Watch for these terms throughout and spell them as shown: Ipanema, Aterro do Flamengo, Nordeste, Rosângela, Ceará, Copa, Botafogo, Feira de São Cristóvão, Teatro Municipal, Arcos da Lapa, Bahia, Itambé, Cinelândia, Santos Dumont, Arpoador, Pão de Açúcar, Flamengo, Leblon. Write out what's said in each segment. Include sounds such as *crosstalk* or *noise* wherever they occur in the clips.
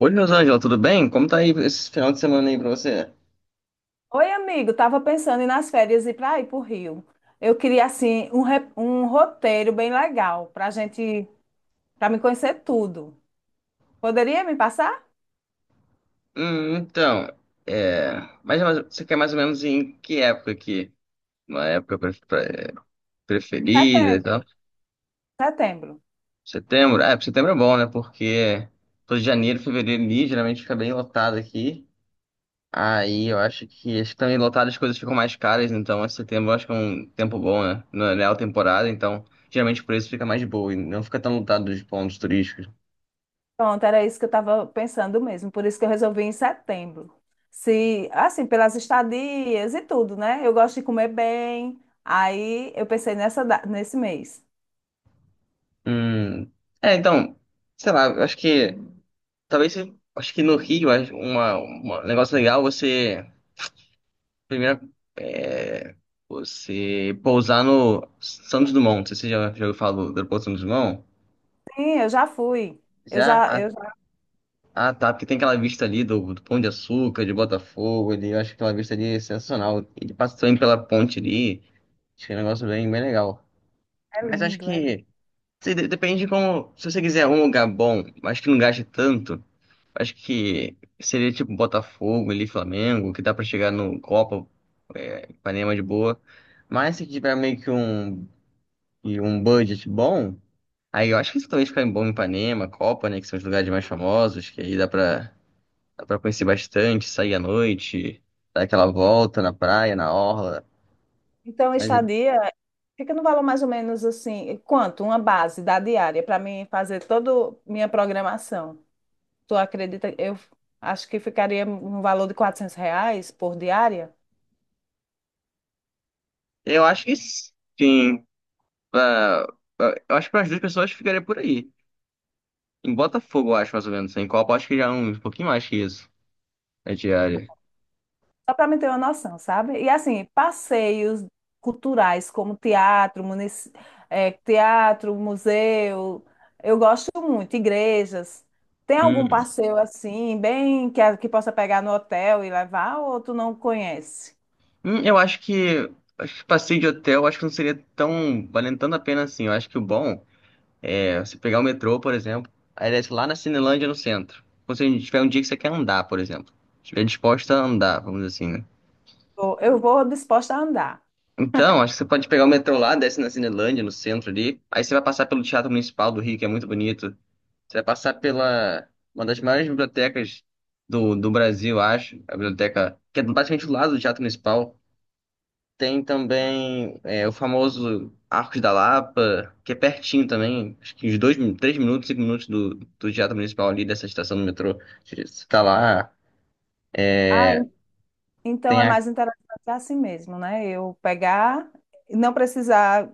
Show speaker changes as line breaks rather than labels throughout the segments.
Oi, Rosângela, tudo bem? Como tá aí esse final de semana aí pra você?
Oi, amigo, tava pensando nas férias ir para o Rio. Eu queria assim um roteiro bem legal para gente, para me conhecer tudo. Poderia me passar?
Então, é... mas você quer mais ou menos em que época aqui? Uma época preferida e tal?
Setembro, setembro.
Setembro? Ah, setembro é bom, né? Porque tô de janeiro, fevereiro ali, geralmente fica bem lotado aqui. Aí eu acho que também lotado as coisas ficam mais caras, então esse setembro eu acho que é um tempo bom, né? Não é alta temporada, então geralmente o preço fica mais de boa e não fica tão lotado dos pontos turísticos.
Pronto, era isso que eu estava pensando mesmo. Por isso que eu resolvi em setembro. Se assim pelas estadias e tudo, né? Eu gosto de comer bem. Aí eu pensei nesse mês.
Hum, então, sei lá, eu acho que acho que no Rio acho um negócio legal você primeiro, é, você pousar no Santos Dumont. Não sei se você já ouviu falar do aeroporto Santos Dumont?
Sim, eu já fui. Eu
Já?
já,
Ah,
eu já...
ah, tá, porque tem aquela vista ali do Pão de Açúcar, de Botafogo, ali, eu acho que aquela vista ali é sensacional. Ele passa também pela ponte ali, acho que é um negócio bem, bem legal.
É
Mas acho
lindo, é lindo.
que depende de como. Se você quiser um lugar bom, mas que não gaste tanto, acho que seria tipo Botafogo ali, Flamengo, que dá pra chegar no Copa, Ipanema de boa. Mas se tiver meio que e um budget bom, aí eu acho que isso também fica bom em Ipanema, Copa, né? Que são os lugares mais famosos, que aí dá pra conhecer bastante, sair à noite, dar aquela volta na praia, na orla.
Então,
Mas
estadia. Fica no valor mais ou menos assim, quanto? Uma base da diária para mim fazer toda minha programação. Tu acredita? Eu acho que ficaria um valor de R$ 400 por diária,
eu acho que sim, pra, eu acho que para as duas pessoas ficaria por aí. Em Botafogo, eu acho mais ou menos. Em Copa, eu acho que já é um pouquinho mais que isso. É diária.
só para me ter uma noção, sabe? E assim, passeios culturais como teatro, museu, eu gosto muito, igrejas. Tem algum
Hum,
passeio assim, bem que, que possa pegar no hotel e levar, ou tu não conhece?
eu acho que passeio de hotel, acho que não seria tão valendo tanto a pena assim. Eu acho que o bom é você pegar o metrô, por exemplo, aí desce lá na Cinelândia no centro. Ou se a gente tiver um dia que você quer andar, por exemplo. Estiver disposta a andar, vamos dizer assim, né?
Eu vou disposta a andar.
Então, acho que você pode pegar o metrô lá, desce na Cinelândia, no centro ali. Aí você vai passar pelo Teatro Municipal do Rio, que é muito bonito. Você vai passar pela uma das maiores bibliotecas do Brasil, acho. A biblioteca, que é basicamente do lado do Teatro Municipal. Tem também, o famoso Arcos da Lapa, que é pertinho também, acho que uns dois, 3 minutos, 5 minutos do Teatro Municipal ali, dessa estação do metrô. Você tá lá,
Então
tem
é
a.
mais interessante assim mesmo, né? Eu pegar, não precisar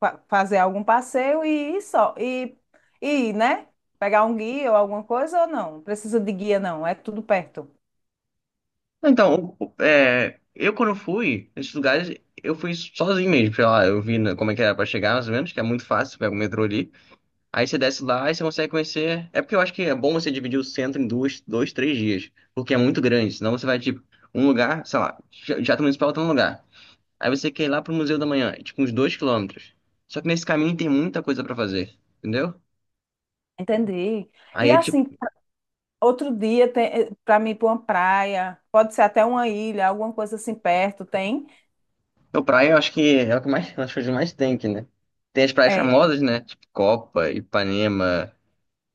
fazer algum passeio e ir só, e ir, né? Pegar um guia ou alguma coisa ou não? Não precisa de guia, não, é tudo perto.
Então, eu quando fui nesses lugares, eu fui sozinho mesmo, sei lá, eu vi, como é que era pra chegar, mais ou menos, que é muito fácil, pega o metrô ali. Aí você desce lá e você consegue conhecer. É porque eu acho que é bom você dividir o centro em duas, dois, 3 dias, porque é muito grande, senão você vai, tipo, um lugar, sei lá, Teatro Municipal tá um lugar. Aí você quer ir lá pro Museu da Manhã, é tipo uns 2 quilômetros. Só que nesse caminho tem muita coisa pra fazer, entendeu?
Entendi.
Aí
E
é tipo,
assim, outro dia tem para mim ir para uma praia, pode ser até uma ilha, alguma coisa assim perto, tem?
a praia eu acho que é o que mais, as coisas que mais tem aqui, né? Tem as praias
É,
famosas, né? Tipo Copa, Ipanema,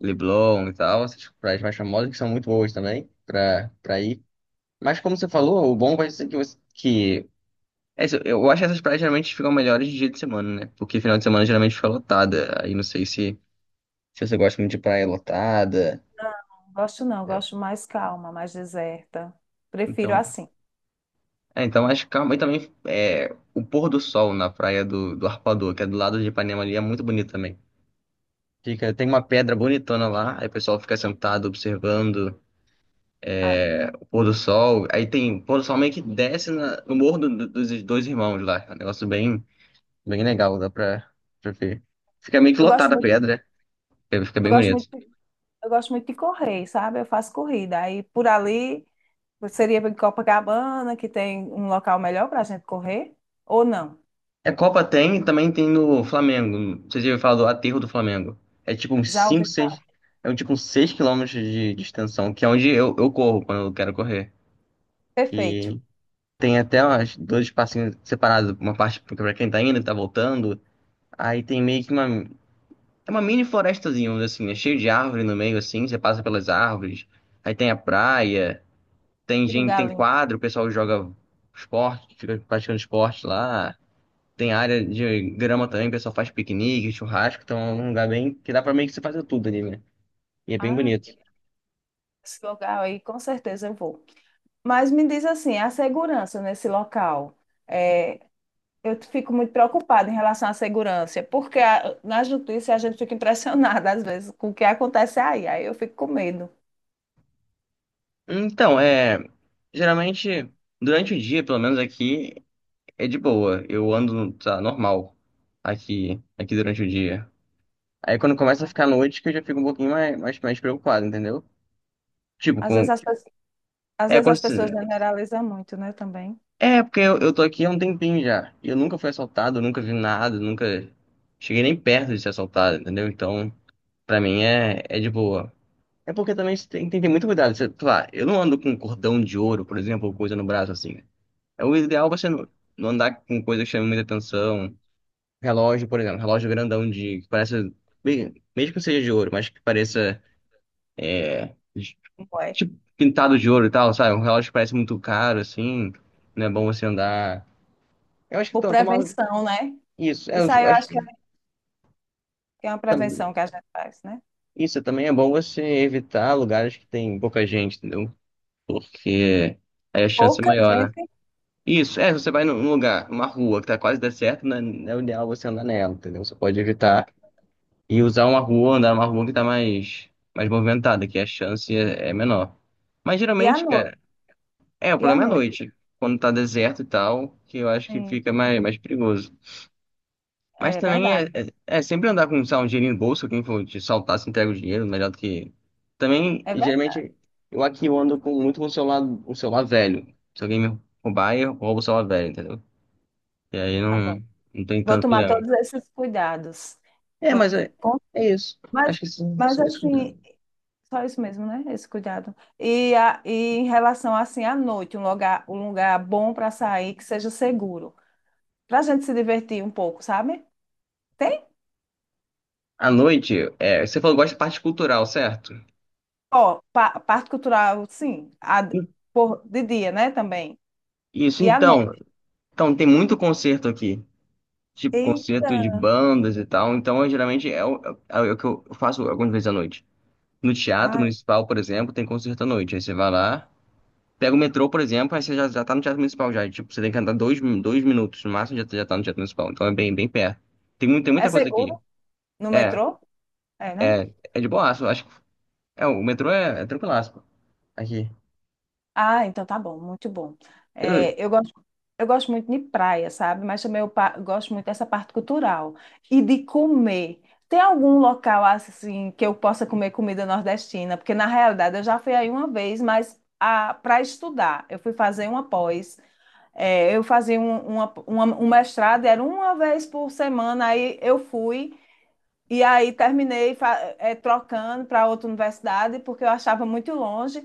Leblon e tal, essas praias mais famosas que são muito boas também pra ir. Mas como você falou, o bom vai ser que você, que é isso, eu acho que essas praias geralmente ficam melhores de dia de semana, né? Porque final de semana geralmente fica lotada. Aí não sei se você gosta muito de praia lotada.
não gosto não,
É.
gosto mais calma, mais deserta. Prefiro
Então,
assim.
Mas calma. E também, o pôr do sol na praia do Arpoador, que é do lado de Ipanema ali, é muito bonito também. Fica, tem uma pedra bonitona lá, aí o pessoal fica sentado observando,
Ah,
o pôr do sol. Aí tem o pôr do sol meio que desce no morro dos Dois Irmãos lá. É um negócio bem, bem legal, dá pra ver. Fica meio que
eu gosto
lotada a
muito,
pedra, fica
eu
bem
gosto
bonito.
muito. Eu gosto muito de correr, sabe? Eu faço corrida. Aí por ali seria em Copacabana, que tem um local melhor para a gente correr, ou não?
É, Copa tem e também tem no Flamengo. Não sei se eu falar do aterro do Flamengo. É tipo uns
Já
5,
ouvi
6.
falar
É um tipo uns 6 quilômetros de extensão, que é onde eu corro quando eu quero correr.
perfeito.
E tem até umas, dois espacinhos separados, uma parte pra quem tá indo, e tá voltando. Aí tem meio que uma. É uma mini florestazinha, vamos dizer assim, é cheio de árvore no meio, assim, você passa pelas árvores. Aí tem a praia, tem
Que
gente,
lugar
tem
lindo.
quadro, o pessoal joga esporte, fica praticando esporte lá. Tem área de grama também, o pessoal faz piquenique, churrasco, então é um lugar bem que dá pra meio que você fazer tudo ali, né? E é bem
Ah,
bonito.
esse local aí com certeza eu vou. Mas me diz assim, a segurança nesse local. É, eu fico muito preocupada em relação à segurança, porque na justiça a gente fica impressionada às vezes com o que acontece aí. Aí eu fico com medo.
Então, geralmente durante o dia, pelo menos aqui, é de boa. Eu ando, tá, normal aqui durante o dia. Aí quando começa a ficar noite, que eu já fico um pouquinho mais, mais, mais preocupado, entendeu? Tipo,
Às
com.
vezes as, pe- às
É,
vezes
quando...
as pessoas
se-
generalizam muito, né, também.
é porque eu tô aqui há um tempinho já. E eu nunca fui assaltado, nunca vi nada, nunca cheguei nem perto de ser assaltado, entendeu? Então, pra mim é de boa. É porque também você tem que ter muito cuidado. Você, sei lá, eu não ando com um cordão de ouro, por exemplo, ou coisa no braço assim. É o ideal você não andar com coisa que chame muita atenção. Relógio, por exemplo, relógio grandão, que parece, mesmo que seja de ouro, mas que pareça, de-
Como é?
tipo pintado de ouro e tal, sabe? Um relógio que parece muito caro, assim, não é bom você andar. Eu acho que,
Por
tomar
prevenção, né?
isso. É,
Isso
eu
aí eu
acho
acho
que,
que é uma prevenção
tam-
que a gente faz, né?
isso também é bom você evitar lugares que tem pouca gente, entendeu? Porque aí a chance é
Pouca
maior, né?
gente
Isso, você vai num lugar, uma rua que tá quase deserta, não é o ideal você andar nela, entendeu? Você pode
tem.
evitar e usar uma rua, andar numa rua que tá mais, mais movimentada, que a chance é menor. Mas
E à
geralmente,
noite?
cara, o
E à
problema é à
noite?
noite, quando tá deserto e tal, que eu acho que
Sim.
fica mais, mais perigoso. Mas
É
também é,
verdade.
é, é sempre andar com, sei lá, um dinheirinho no bolso, quem for te saltar, se entrega o dinheiro, melhor do que. Também,
É verdade.
geralmente, eu aqui eu ando, muito com o celular velho. Se alguém me roubar, eu roubo o celular velho, entendeu? E aí
Tá bom.
não tem
Vou
tanto
tomar
problema.
todos esses cuidados.
É,
Vou
mas
t-
é,
com-
é isso.
Mas,
Acho que são,
mas
são isso.
assim, só isso mesmo, né? Esse cuidado. E, e em relação assim à noite, um lugar bom para sair que seja seguro, para a gente se divertir um pouco, sabe? Tem,
À noite, você falou que gosta de parte cultural, certo?
parte cultural, sim,
I-
de dia, né? Também.
Isso,
E à
então.
noite.
Então, tem muito concerto aqui. Tipo, concerto de
Eita,
bandas e tal. Então, eu, geralmente, é o, é é o que eu faço algumas vezes à noite. No Teatro
ai,
Municipal, por exemplo, tem concerto à noite. Aí você vai lá, pega o metrô, por exemplo, aí você já tá no Teatro Municipal já. E, tipo, você tem que andar dois minutos no máximo, já tá no Teatro Municipal. Então, é bem, bem perto. Tem
é
muita coisa aqui.
seguro no
É,
metrô? É, né?
é de boa. Acho. O metrô é tranquilaço, pô. Aqui.
Ah, então tá bom, muito bom. É,
Eu-
eu gosto muito de praia, sabe? Mas também gosto muito dessa parte cultural e de comer. Tem algum local assim que eu possa comer comida nordestina? Porque na realidade eu já fui aí uma vez, mas para estudar, eu fui fazer uma pós. É, eu fazia um mestrado, era uma vez por semana, aí eu fui. E aí trocando para outra universidade, porque eu achava muito longe.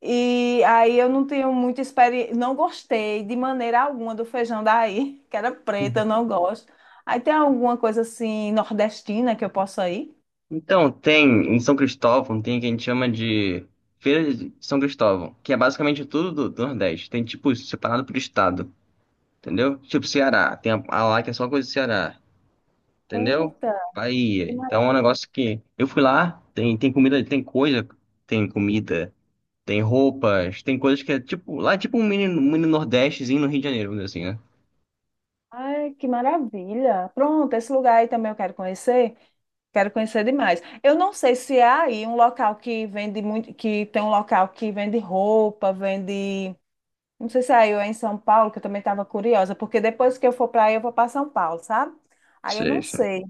E aí eu não tenho muita experiência, não gostei de maneira alguma do feijão daí, *laughs* que era preto, eu não gosto. Aí tem alguma coisa assim nordestina que eu possa ir?
Então, tem em São Cristóvão, tem o que a gente chama de Feira de São Cristóvão, que é basicamente tudo do Nordeste. Tem, tipo, separado por estado, entendeu? Tipo, Ceará. Tem a lá que é só coisa do Ceará, entendeu?
Eita,
Bahia.
que
Então, é um
maravilha.
negócio que. Eu fui lá, tem, tem comida, tem coisa, tem comida, tem roupas, tem coisas que é, tipo. Lá é tipo um mini Nordestezinho no Rio de Janeiro, vamos dizer assim, né?
Ai, que maravilha. Pronto, esse lugar aí também eu quero conhecer. Quero conhecer demais. Eu não sei se há aí um local que vende muito, que tem um local que vende roupa, vende. Não sei se é aí ou é em São Paulo, que eu também estava curiosa, porque depois que eu for para aí, eu vou para São Paulo, sabe? Aí eu
Sim,
não
sim.
sei.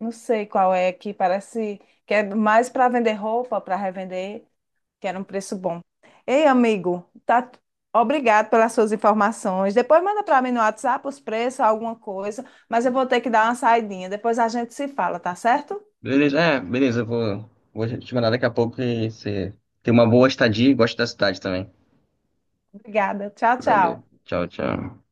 Não sei qual é, que parece que é mais para vender roupa, para revender, que era um preço bom. Ei, amigo, tá... Obrigado pelas suas informações. Depois manda para mim no WhatsApp os preços, alguma coisa, mas eu vou ter que dar uma saidinha. Depois a gente se fala, tá certo?
Beleza, beleza, eu vou te mandar daqui a pouco e você tem uma boa estadia e gosta da cidade também.
Obrigada. Tchau,
Valeu,
tchau.
tchau, tchau.